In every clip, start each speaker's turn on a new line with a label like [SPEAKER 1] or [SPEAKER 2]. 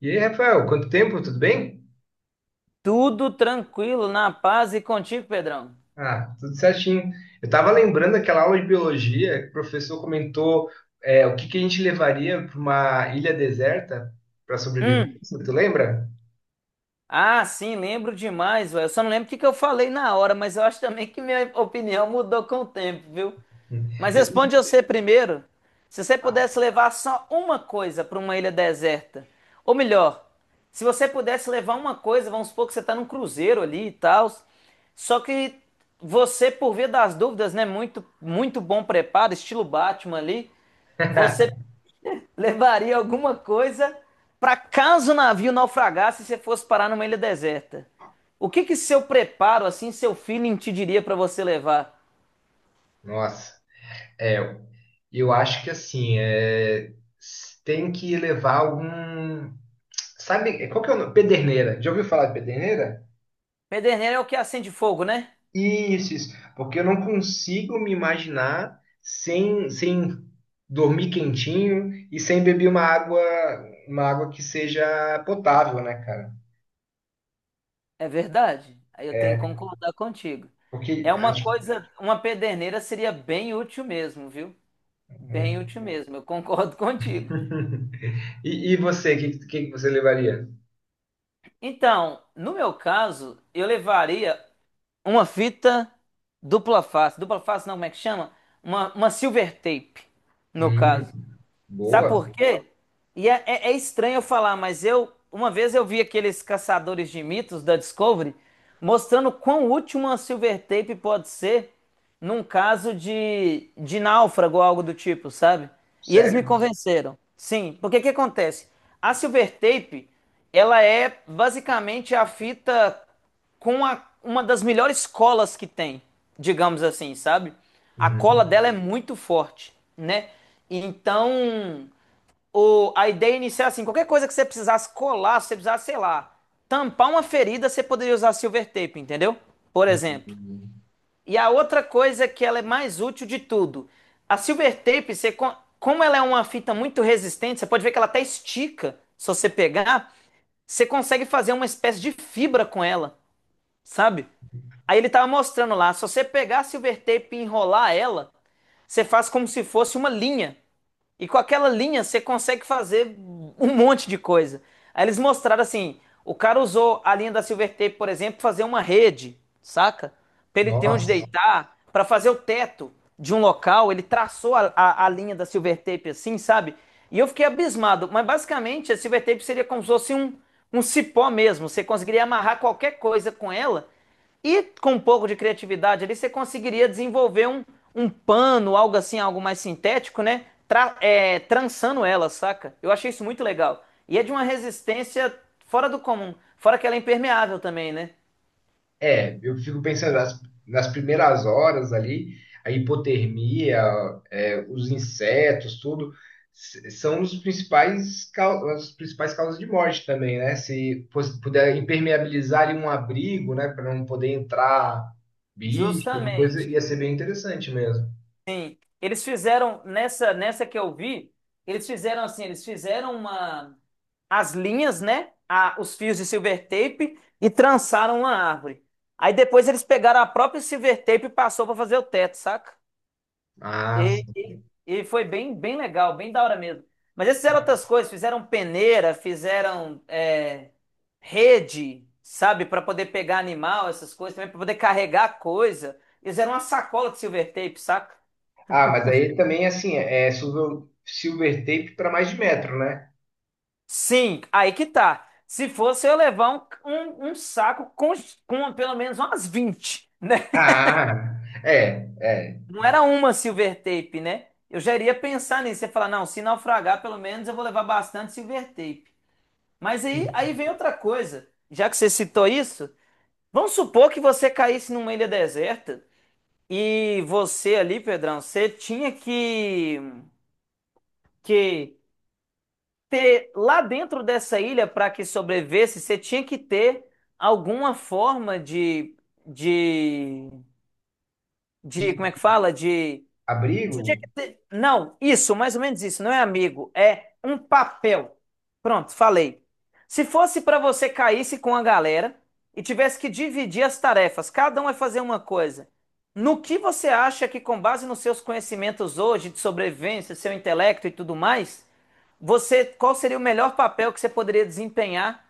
[SPEAKER 1] E aí, Rafael, quanto tempo? Tudo bem?
[SPEAKER 2] Tudo tranquilo, na paz e contigo, Pedrão.
[SPEAKER 1] Ah, tudo certinho. Eu estava lembrando daquela aula de biologia que o professor comentou o que que a gente levaria para uma ilha deserta para sobreviver.
[SPEAKER 2] Hum.
[SPEAKER 1] Tu lembra?
[SPEAKER 2] Ah, sim, lembro demais, velho. Eu só não lembro o que que eu falei na hora, mas eu acho também que minha opinião mudou com o tempo, viu? Mas responde você primeiro. Se você pudesse levar só uma coisa para uma ilha deserta, ou melhor, se você pudesse levar uma coisa, vamos supor que você tá num cruzeiro ali e tal, só que você, por via das dúvidas, né, muito muito bom preparo, estilo Batman ali, você levaria alguma coisa para caso o navio naufragasse e você fosse parar numa ilha deserta. O que que seu preparo, assim, seu feeling te diria para você levar?
[SPEAKER 1] Nossa, é, eu acho que assim, tem que levar algum. Sabe, qual que é o nome? Pederneira. Já ouviu falar de pederneira?
[SPEAKER 2] Pederneira é o que acende fogo, né?
[SPEAKER 1] Isso, isso. Porque eu não consigo me imaginar sem dormir quentinho e sem beber uma água que seja potável, né, cara?
[SPEAKER 2] É verdade. Aí eu tenho que
[SPEAKER 1] É,
[SPEAKER 2] concordar contigo. É
[SPEAKER 1] porque
[SPEAKER 2] uma
[SPEAKER 1] acho.
[SPEAKER 2] coisa, uma pederneira seria bem útil mesmo, viu? Bem útil mesmo, eu concordo contigo.
[SPEAKER 1] E você, que você levaria?
[SPEAKER 2] Então, no meu caso, eu levaria uma fita dupla face. Dupla face não, como é que chama? Uma silver tape, no
[SPEAKER 1] Hum,
[SPEAKER 2] caso. Sabe
[SPEAKER 1] boa.
[SPEAKER 2] por quê? E é estranho eu falar, mas eu uma vez eu vi aqueles caçadores de mitos da Discovery mostrando quão útil uma silver tape pode ser num caso de, náufrago ou algo do tipo, sabe? E eles me
[SPEAKER 1] Sério?
[SPEAKER 2] convenceram. Sim, porque o que acontece? A silver tape, ela é basicamente a fita uma das melhores colas que tem, digamos assim, sabe? A cola dela é
[SPEAKER 1] Uhum.
[SPEAKER 2] muito forte, né? Então, a ideia inicial é assim, qualquer coisa que você precisasse colar, se você precisasse, sei lá, tampar uma ferida, você poderia usar silver tape, entendeu? Por exemplo.
[SPEAKER 1] Uhum.
[SPEAKER 2] E a outra coisa que ela é mais útil de tudo, a silver tape, você, como ela é uma fita muito resistente, você pode ver que ela até estica, se você pegar, você consegue fazer uma espécie de fibra com ela, sabe? Aí ele tava mostrando lá, se você pegar a silver tape e enrolar ela, você faz como se fosse uma linha. E com aquela linha você consegue fazer um monte de coisa. Aí eles mostraram assim, o cara usou a linha da silver tape, por exemplo, pra fazer uma rede, saca? Pra ele ter onde
[SPEAKER 1] Nossa.
[SPEAKER 2] deitar, pra fazer o teto de um local, ele traçou a linha da silver tape assim, sabe? E eu fiquei abismado, mas basicamente a silver tape seria como se fosse um, um cipó mesmo. Você conseguiria amarrar qualquer coisa com ela e com um pouco de criatividade ali, você conseguiria desenvolver um, um pano, algo assim, algo mais sintético, né? Trançando ela, saca? Eu achei isso muito legal. E é de uma resistência fora do comum. Fora que ela é impermeável também, né?
[SPEAKER 1] É, eu fico pensando nas primeiras horas ali, a hipotermia, é, os insetos, tudo, são os principais, as principais causas de morte também, né? Se fosse- Puder impermeabilizar ali um abrigo, né, para não poder entrar bicho, alguma coisa,
[SPEAKER 2] Justamente.
[SPEAKER 1] ia ser bem interessante mesmo.
[SPEAKER 2] Eles fizeram, nessa que eu vi, eles fizeram assim, eles fizeram uma, as linhas, né? A, os fios de silver tape e trançaram uma árvore. Aí depois eles pegaram a própria silver tape e passou para fazer o teto, saca?
[SPEAKER 1] Ah,
[SPEAKER 2] E,
[SPEAKER 1] sim.
[SPEAKER 2] e- e foi bem, bem legal, bem da hora mesmo. Mas eles fizeram outras coisas, fizeram peneira, fizeram rede, sabe, para poder pegar animal, essas coisas, também para poder carregar coisa. Eles fizeram uma sacola de silver tape, saca?
[SPEAKER 1] Ah, mas aí também, assim, silver tape para mais de metro, né?
[SPEAKER 2] Sim, aí que tá. Se fosse eu ia levar um saco com pelo menos umas 20, né?
[SPEAKER 1] Ah, é, é.
[SPEAKER 2] Não era uma silver tape, né? Eu já iria pensar nisso e falar, não, se naufragar, pelo menos eu vou levar bastante silver tape. Mas aí, aí vem outra coisa. Já que você citou isso, vamos supor que você caísse numa ilha deserta e você ali, Pedrão, você tinha que ter lá dentro dessa ilha para que sobrevivesse, você tinha que ter alguma forma de,
[SPEAKER 1] De
[SPEAKER 2] de, como é que fala? De
[SPEAKER 1] abrigo.
[SPEAKER 2] tinha que ter- Não, isso, mais ou menos isso, não é amigo, é um papel. Pronto, falei. Se fosse para você caísse com a galera e tivesse que dividir as tarefas, cada um vai fazer uma coisa. No que você acha que, com base nos seus conhecimentos hoje de sobrevivência, seu intelecto e tudo mais, você, qual seria o melhor papel que você poderia desempenhar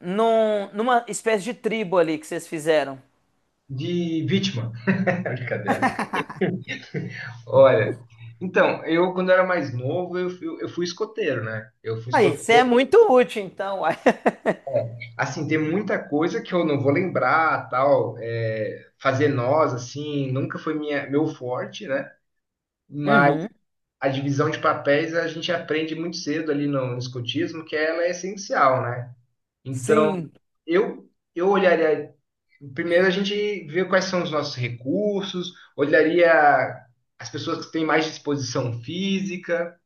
[SPEAKER 2] num- numa espécie de tribo ali que vocês fizeram?
[SPEAKER 1] De vítima. Brincadeira. Olha, então, eu quando era mais novo, eu fui escoteiro, né? Eu fui
[SPEAKER 2] Aí, você é
[SPEAKER 1] escoteiro.
[SPEAKER 2] muito útil, então. Uai.
[SPEAKER 1] Assim, tem muita coisa que eu não vou lembrar, tal, é, fazer nós, assim, nunca foi meu forte, né? Mas
[SPEAKER 2] Uhum.
[SPEAKER 1] a divisão de papéis a gente aprende muito cedo ali no escotismo, que ela é essencial, né? Então,
[SPEAKER 2] Sim,
[SPEAKER 1] eu, eu olharia. Primeiro a gente vê quais são os nossos recursos, olharia as pessoas que têm mais disposição física,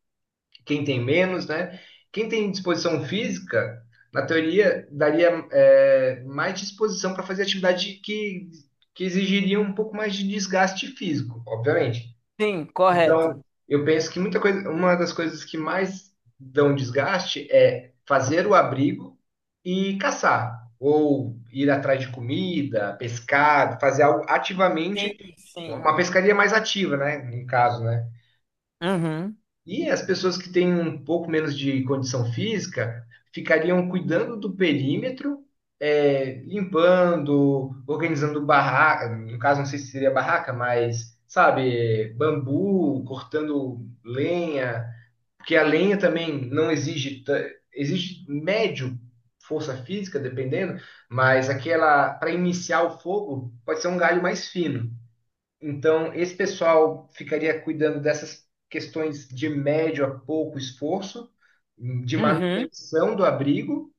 [SPEAKER 1] quem tem menos, né? Quem tem disposição física, na teoria, daria é, mais disposição para fazer atividade que exigiria um pouco mais de desgaste físico, obviamente.
[SPEAKER 2] sim, correto.
[SPEAKER 1] Então, eu penso que muita coisa, uma das coisas que mais dão desgaste é fazer o abrigo e caçar, ou ir atrás de comida, pescar, fazer algo
[SPEAKER 2] Sim,
[SPEAKER 1] ativamente,
[SPEAKER 2] sim.
[SPEAKER 1] uma pescaria mais ativa, né? No caso, né?
[SPEAKER 2] Uhum,
[SPEAKER 1] E as pessoas que têm um pouco menos de condição física ficariam cuidando do perímetro, é, limpando, organizando barraca, no caso não sei se seria barraca, mas sabe, bambu, cortando lenha, porque a lenha também não exige ta- exige médio força física dependendo, mas aquela para iniciar o fogo pode ser um galho mais fino. Então, esse pessoal ficaria cuidando dessas questões de médio a pouco esforço, de
[SPEAKER 2] uhum,
[SPEAKER 1] manutenção do abrigo,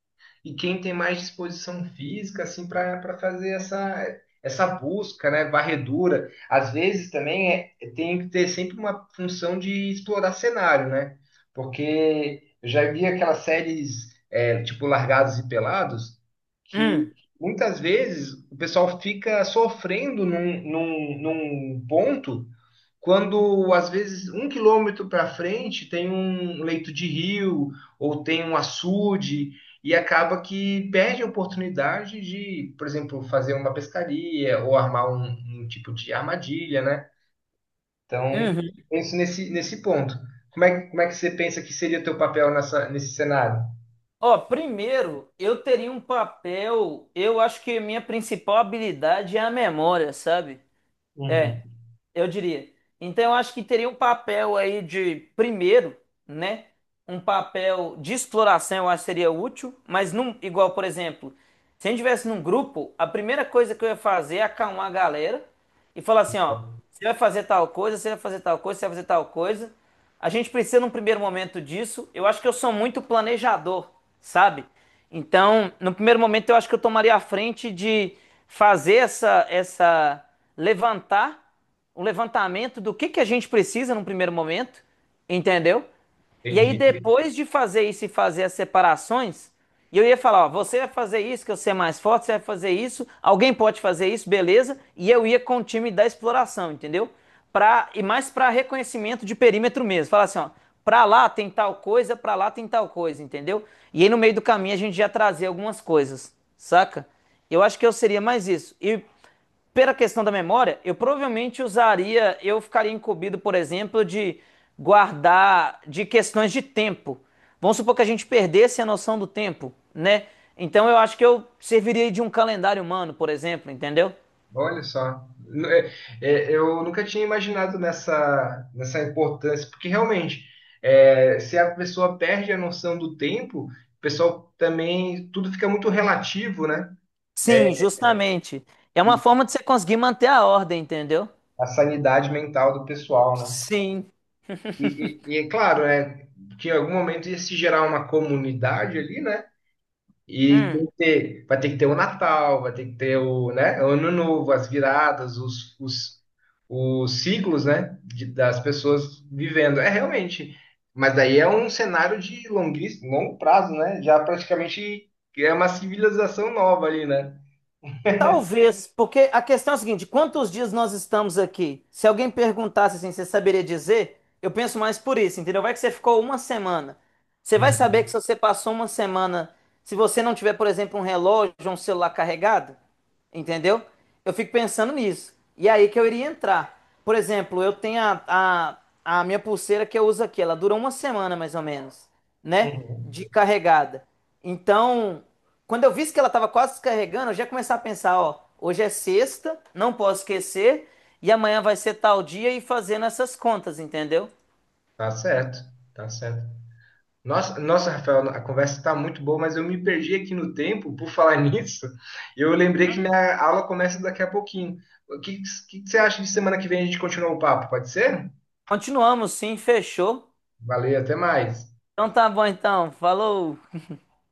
[SPEAKER 1] e quem tem mais disposição física assim para fazer essa busca, né, varredura. Às vezes também é, tem que ter sempre uma função de explorar cenário, né? Porque eu já vi aquelas séries é, tipo Largados e Pelados que
[SPEAKER 2] uhum,
[SPEAKER 1] muitas vezes o pessoal fica sofrendo num ponto quando às vezes um quilômetro para frente tem um leito de rio ou tem um açude e acaba que perde a oportunidade de, por exemplo, fazer uma pescaria ou armar um tipo de armadilha, né? Então,
[SPEAKER 2] uhum.
[SPEAKER 1] penso nesse ponto. Como é que você pensa que seria o teu papel nesse cenário?
[SPEAKER 2] Ó, primeiro, eu teria um papel. Eu acho que minha principal habilidade é a memória, sabe? É,
[SPEAKER 1] Uhum.
[SPEAKER 2] eu diria. Então, eu acho que teria um papel aí de, primeiro, né? Um papel de exploração, eu acho que seria útil, mas não igual, por exemplo, se a gente estivesse num grupo, a primeira coisa que eu ia fazer é acalmar a galera e falar assim, ó, você vai fazer tal coisa, você vai fazer tal coisa, você vai fazer tal coisa. A gente precisa num primeiro momento disso. Eu acho que eu sou muito planejador, sabe? Então, no primeiro momento eu acho que eu tomaria a frente de fazer essa essa levantar um levantamento do que a gente precisa num primeiro momento, entendeu? E aí,
[SPEAKER 1] Entendi.
[SPEAKER 2] depois de fazer isso e fazer as separações, e eu ia falar: ó, você vai fazer isso, que eu ser mais forte, você vai fazer isso, alguém pode fazer isso, beleza. E eu ia com o time da exploração, entendeu? Pra, e mais para reconhecimento de perímetro mesmo. Falar assim: ó, pra lá tem tal coisa, pra lá tem tal coisa, entendeu? E aí, no meio do caminho, a gente já trazia algumas coisas, saca? Eu acho que eu seria mais isso. E pela questão da memória, eu provavelmente usaria, eu ficaria incumbido, por exemplo, de guardar de questões de tempo. Vamos supor que a gente perdesse a noção do tempo, né? Então eu acho que eu serviria de um calendário humano, por exemplo, entendeu?
[SPEAKER 1] Olha só, é, eu nunca tinha imaginado nessa importância, porque realmente, é, se a pessoa perde a noção do tempo, o pessoal também, tudo fica muito relativo, né?
[SPEAKER 2] Sim, justamente. É uma
[SPEAKER 1] E
[SPEAKER 2] forma de você conseguir manter a ordem, entendeu?
[SPEAKER 1] a sanidade mental do pessoal, né?
[SPEAKER 2] Sim.
[SPEAKER 1] E é claro, né, que em algum momento ia se gerar uma comunidade ali, né? E
[SPEAKER 2] Hum.
[SPEAKER 1] tem que ter, vai ter que ter o Natal, vai ter que ter o, né, o Ano Novo, as viradas, os ciclos, né, das pessoas vivendo. É realmente, mas daí é um cenário de longuíssimo, longo prazo, né? Já praticamente é uma civilização nova ali, né?
[SPEAKER 2] Talvez, porque a questão é a seguinte: quantos dias nós estamos aqui? Se alguém perguntasse assim, você saberia dizer? Eu penso mais por isso, entendeu? Vai que você ficou uma semana. Você vai saber que se
[SPEAKER 1] Uhum.
[SPEAKER 2] você passou uma semana, se você não tiver, por exemplo, um relógio ou um celular carregado, entendeu? Eu fico pensando nisso. E é aí que eu iria entrar. Por exemplo, eu tenho a, a minha pulseira que eu uso aqui. Ela dura uma semana mais ou menos, né?
[SPEAKER 1] Uhum.
[SPEAKER 2] De carregada. Então, quando eu vi que ela estava quase descarregando, eu já começava a pensar: ó, hoje é sexta, não posso esquecer. E amanhã vai ser tal dia e fazendo essas contas, entendeu?
[SPEAKER 1] Tá certo, tá certo. Nossa, nossa, Rafael, a conversa está muito boa, mas eu me perdi aqui no tempo por falar nisso. Eu lembrei que minha aula começa daqui a pouquinho. O que, que você acha de semana que vem a gente continuar o papo? Pode ser?
[SPEAKER 2] Continuamos, sim, fechou.
[SPEAKER 1] Valeu, até mais.
[SPEAKER 2] Então tá bom, então. Falou.